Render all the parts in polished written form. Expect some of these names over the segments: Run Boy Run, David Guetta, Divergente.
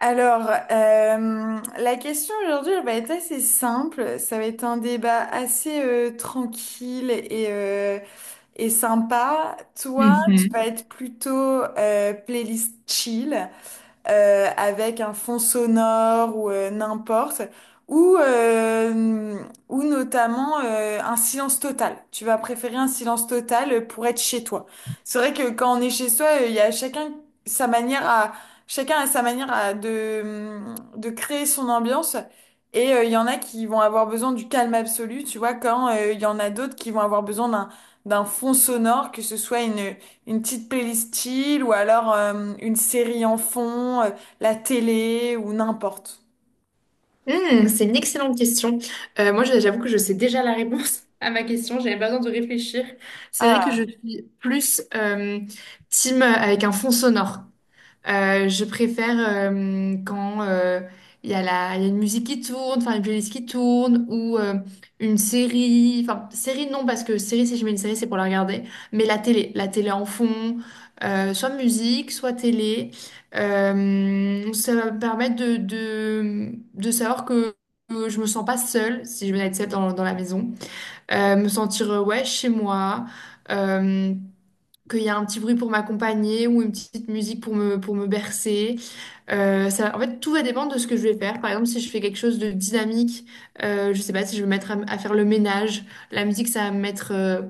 La question aujourd'hui, elle va être assez simple. Ça va être un débat assez tranquille et et sympa. Toi, tu vas Mhm. être plutôt playlist chill avec un fond sonore ou n'importe, ou, euh, ou notamment un silence total. Tu vas préférer un silence total pour être chez toi. C'est vrai que quand on est chez soi, il y a chacun sa manière à, chacun a sa manière de créer son ambiance. Il y en a qui vont avoir besoin du calme absolu, tu vois, quand il y en a d'autres qui vont avoir besoin d'un fond sonore, que ce soit une petite playlist chill ou alors une série en fond, la télé ou n'importe. Hmm, c'est une excellente question. Moi, j'avoue que je sais déjà la réponse à ma question. J'avais pas besoin de réfléchir. C'est vrai que je Ah. suis plus team avec un fond sonore. Je préfère quand il y a il y a une musique qui tourne, enfin une playlist qui tourne, ou une série, enfin série non, parce que série, si je mets une série, c'est pour la regarder, mais la télé en fond, soit musique, soit télé. Ça va me permettre de, de savoir que je me sens pas seule, si je venais être seule dans la maison. Me sentir, ouais, chez moi. Euh, Qu'il y a un petit bruit pour m'accompagner ou une petite musique pour me bercer. Ça, en fait, tout va dépendre de ce que je vais faire. Par exemple, si je fais quelque chose de dynamique, je sais pas, si je vais me mettre à faire le ménage, la musique, ça va me mettre euh,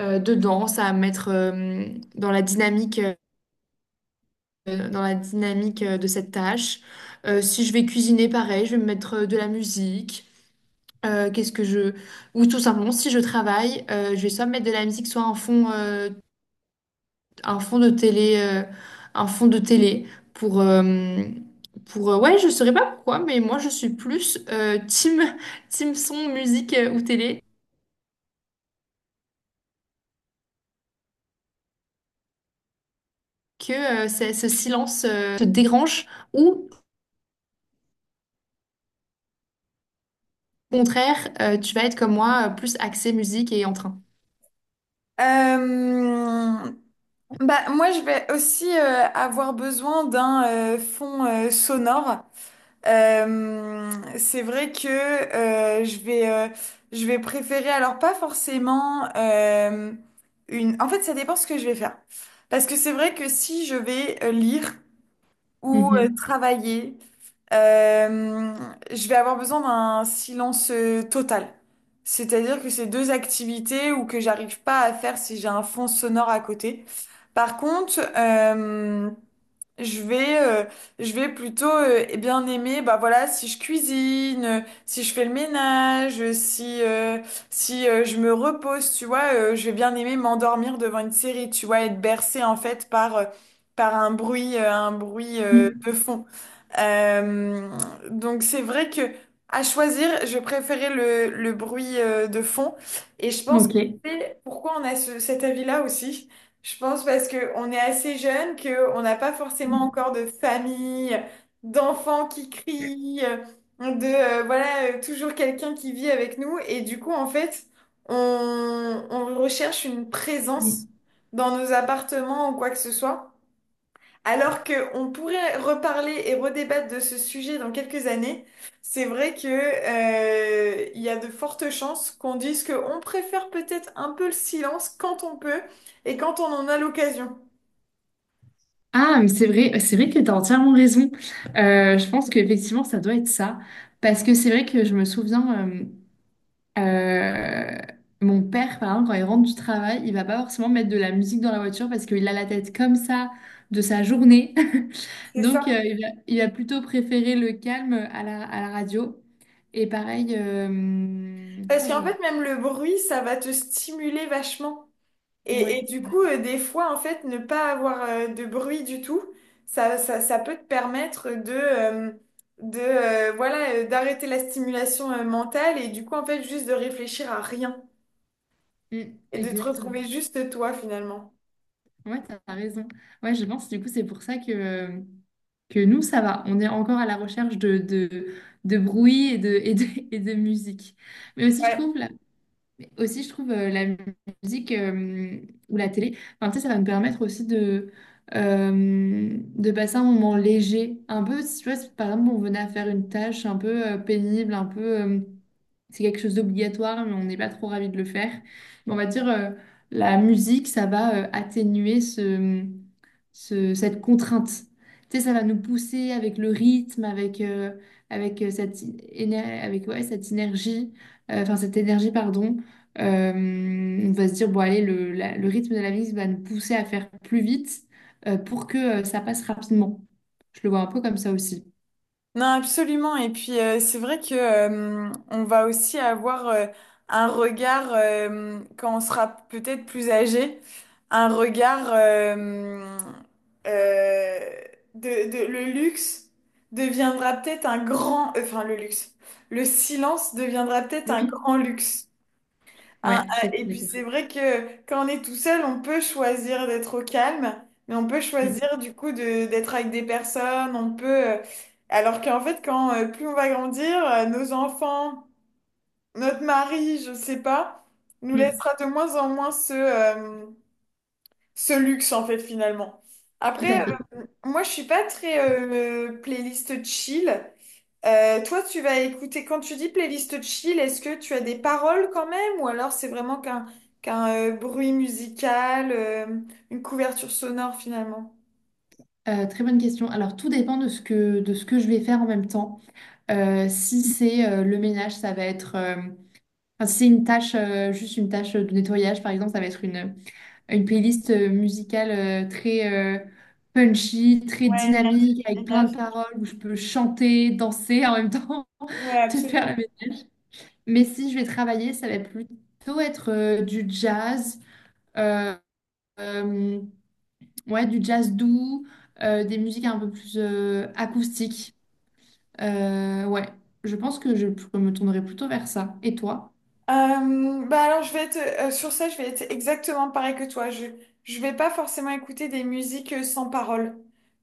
euh, dedans, ça va me mettre dans la dynamique, de cette tâche. Si je vais cuisiner, pareil, je vais me mettre de la musique. Qu'est-ce que je... Ou tout simplement, si je travaille, je vais soit me mettre de la musique, soit un fond de télé, un fond de télé pour, ouais, je saurais pas pourquoi, mais moi je suis plus team, team son, musique ou télé que ce silence te dérange, ou au contraire, tu vas être comme moi, plus axé musique et en train. Euh, Moi, je vais aussi avoir besoin d'un fond sonore. Euh, c'est vrai que je vais préférer, alors pas forcément une... En fait, ça dépend ce que je vais faire. Parce que c'est vrai que si je vais lire... ou Mhm. travailler. Euh, je vais avoir besoin d'un silence total. C'est-à-dire que c'est deux activités ou que j'arrive pas à faire si j'ai un fond sonore à côté. Par contre, je vais, euh, je vais plutôt bien aimer, bah voilà, si je cuisine, si je fais le ménage, si, si je me repose, tu vois, je vais bien aimer m'endormir devant une série, tu vois, être bercée en fait par par un bruit, un bruit Mm. de fond. Euh, donc c'est vrai que à choisir, je préférais le bruit de fond, et je pense que Ok. c'est pourquoi on a cet avis-là aussi. Je pense parce que on est assez jeune, que on n'a pas forcément encore de famille, d'enfants qui crient, de voilà toujours quelqu'un qui vit avec nous et du coup en fait on recherche une présence Mm. dans nos appartements ou quoi que ce soit. Alors qu'on pourrait reparler et redébattre de ce sujet dans quelques années, c'est vrai que, il y a de fortes chances qu'on dise qu'on préfère peut-être un peu le silence quand on peut et quand on en a l'occasion. Ah, mais c'est vrai que tu as entièrement raison. Je pense qu'effectivement, ça doit être ça. Parce que c'est vrai que je me souviens. Euh, Mon père, par exemple, quand il rentre du travail, il va pas forcément mettre de la musique dans la voiture parce qu'il a la tête comme ça de sa journée. C'est ça. Donc, il va plutôt préférer le calme à la radio. Et pareil, je Parce pense que qu'en j'ai un- fait, même le bruit, ça va te stimuler vachement. Ouais. Et du coup, des fois, en fait, ne pas avoir de bruit du tout, ça peut te permettre de, voilà, d'arrêter la stimulation mentale et du coup, en fait, juste de réfléchir à rien. Mm, Et de te exactement. retrouver juste toi finalement. Ouais, t'as raison. Ouais, je pense du coup, c'est pour ça que nous, ça va. On est encore à la recherche de, de bruit et de, et de musique. Mais aussi, je Ouais. trouve, mais aussi, je trouve la musique ou la télé, enfin, tu sais, ça va me permettre aussi de passer un moment léger. Un peu, si tu vois, si par exemple, on venait à faire une tâche un peu pénible, un peu. C'est quelque chose d'obligatoire, mais on n'est pas trop ravi de le faire. Mais on va dire, la musique, ça va atténuer ce, cette contrainte. Tu sais, ça va nous pousser avec le rythme, avec, euh, cette, avec ouais, cette énergie, enfin cette énergie, pardon. Euh, on va se dire, bon, allez, le rythme de la vie va nous pousser à faire plus vite pour que ça passe rapidement. Je le vois un peu comme ça aussi. Non, absolument. Et puis, c'est vrai que, on va aussi avoir un regard, quand on sera peut-être plus âgé, un regard euh, de, le luxe deviendra peut-être un grand, enfin le luxe, le silence deviendra peut-être Oui, un grand luxe. Ah, ouais, je ah, suis et puis d'accord. c'est vrai que quand on est tout seul, on peut choisir d'être au calme, mais on peut Mm. choisir du coup de d'être avec des personnes, on peut... Alors qu'en fait, quand plus on va grandir, nos enfants, notre mari, je sais pas, nous Mm. laissera de moins en moins ce ce luxe en fait finalement. Tout Après, à fait. Moi je suis pas très playlist chill. Toi, tu vas écouter, quand tu dis playlist chill, est-ce que tu as des paroles quand même ou alors c'est vraiment qu'un bruit musical, une couverture sonore finalement? Très bonne question. Alors, tout dépend de ce que, je vais faire en même temps. Si c'est le ménage, ça va être... enfin, si c'est une tâche, juste une tâche de nettoyage, par exemple, ça va être une playlist musicale très punchy, très Ouais, éner- dynamique, avec plein de énergie. paroles où je peux chanter, danser en même temps, Ouais, te faire la absolument. ménage. Mais si je vais travailler, ça va plutôt être du jazz, euh, euh, ouais, du jazz doux, des musiques un peu plus acoustiques. Ouais, je pense que je me tournerai plutôt vers ça. Et toi? Bah alors je vais être sur ça, je vais être exactement pareil que toi. Je vais pas forcément écouter des musiques sans parole.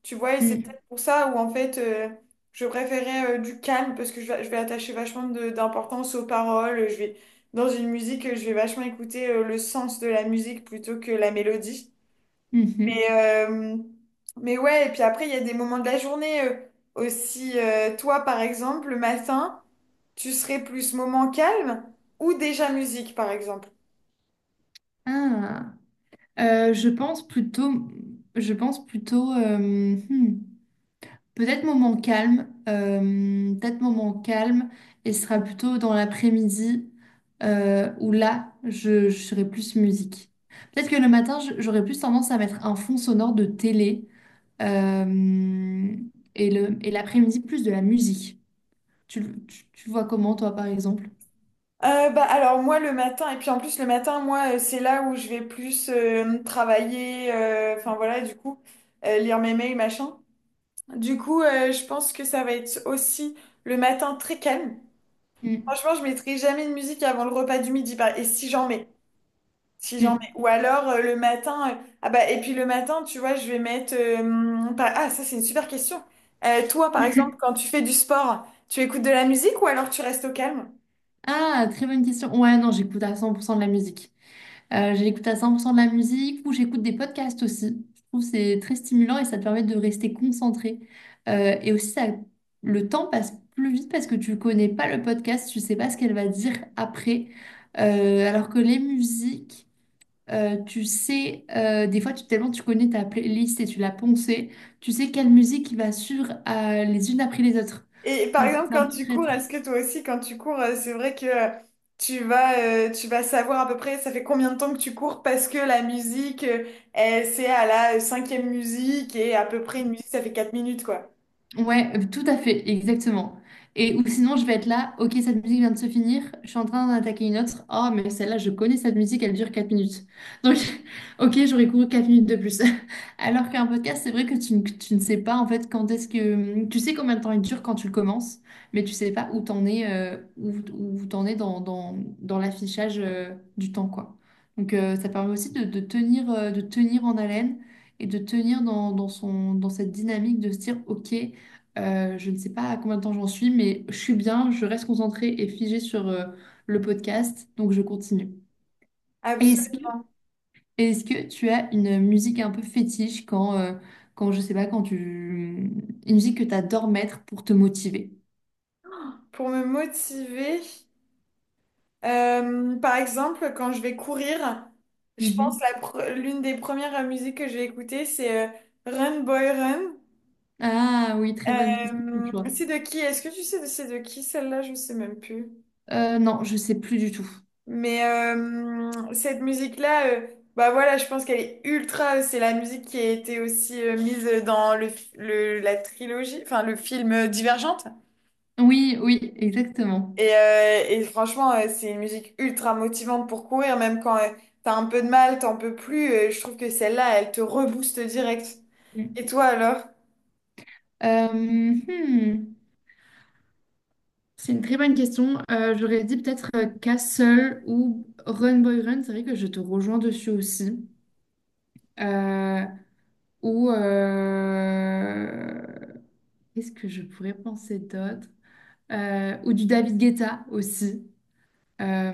Tu vois, et c'est Mm, peut-être pour ça où en fait je préférais du calme parce que je vais attacher vachement d'importance aux paroles. Je vais dans une musique, je vais vachement écouter le sens de la musique plutôt que la mélodie. mhm. Mais, euh, mais ouais, et puis après, il y a des moments de la journée aussi. Toi, par exemple, le matin, tu serais plus moment calme ou déjà musique, par exemple? Ah. Je pense plutôt, hmm, peut-être moment calme, et ce sera plutôt dans l'après-midi où là, je serai plus musique. Peut-être que le matin, j'aurais plus tendance à mettre un fond sonore de télé euh, et l'après-midi, plus de la musique. Tu vois comment, toi, par exemple? Bah, alors moi le matin, et puis en plus le matin, moi c'est là où je vais plus travailler, enfin voilà, du coup, lire mes mails, machin. Du coup, je pense que ça va être aussi le matin très calme. Mm, Franchement, je mettrai jamais de musique avant le repas du midi, par- et si j'en mets. Si j'en mm. mets. Ou alors le matin. Ah bah, et puis le matin, tu vois, je vais mettre. Ah, ça, c'est une super question. Toi, par exemple, quand tu fais du sport, tu écoutes de la musique ou alors tu restes au calme? Ah, très bonne question. Ouais, non, j'écoute à 100% de la musique. J'écoute à 100% de la musique ou j'écoute des podcasts aussi. Je trouve que c'est très stimulant et ça te permet de rester concentré. Et aussi, ça, le temps passe plus vite parce que tu connais pas le podcast, tu sais pas ce qu'elle va dire après. Alors que les musiques, tu sais, des fois, tellement tu connais ta playlist et tu l'as poncée, tu sais quelle musique va suivre les unes après les autres. Et par Donc, exemple, c'est un quand peu tu très. cours, est-ce que toi aussi, quand tu cours, c'est vrai que tu vas, tu vas savoir à peu près ça fait combien de temps que tu cours parce que la musique, elle, c'est à la cinquième musique et à peu près une musique, ça fait 4 minutes, quoi. Ouais, tout à fait, exactement. Et ou sinon, je vais être là, ok, cette musique vient de se finir, je suis en train d'en attaquer une autre. Oh, mais celle-là, je connais cette musique, elle dure 4 minutes. Donc, ok, j'aurais couru 4 minutes de plus. Alors qu'un podcast, c'est vrai que tu ne sais pas en fait quand est-ce que. Tu sais combien de temps il dure quand tu le commences, mais tu sais pas où t'en es, où t'en es dans, dans dans l'affichage du temps, quoi. Donc, ça permet aussi de tenir en haleine et de tenir dans, dans son, dans cette dynamique de se dire, OK. Je ne sais pas à combien de temps j'en suis, mais je suis bien, je reste concentrée et figée sur le podcast, donc je continue. Est-ce Absolument. que, est-ce que tu as une musique un peu fétiche quand je sais pas, quand tu... Une musique que tu adores mettre pour te motiver? Pour me motiver. Par exemple, quand je vais courir, je pense Mhm. L'une des premières musiques que je vais écouter, c'est Run Boy Run. Ah oui, très bon choix. C'est de qui? Est-ce que tu sais de c'est de qui celle-là? Je sais même plus. Non, je sais plus du tout. Mais cette musique-là, bah voilà, je pense qu'elle est ultra. C'est la musique qui a été aussi mise dans le, la trilogie, enfin le film Divergente. Oui, oui, exactement. Et franchement, c'est une musique ultra motivante pour courir, même quand t'as un peu de mal, t'en peux plus. Je trouve que celle-là, elle te rebooste direct. Mm. Et toi alors? Euh, hmm. C'est une très bonne question. J'aurais dit peut-être Castle ou Run Boy Run. C'est vrai que je te rejoins dessus aussi. Euh, ou qu'est-ce que je pourrais penser d'autre? Ou du David Guetta aussi.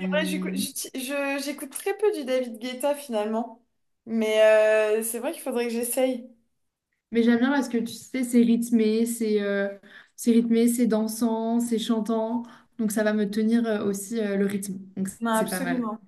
C'est vrai, j'écoute très peu du David Guetta finalement, mais c'est vrai qu'il faudrait que j'essaye. mais j'aime bien parce que tu sais, c'est rythmé, c'est dansant, c'est chantant. Donc ça va me tenir aussi le rythme. Donc Non, c'est pas mal. absolument.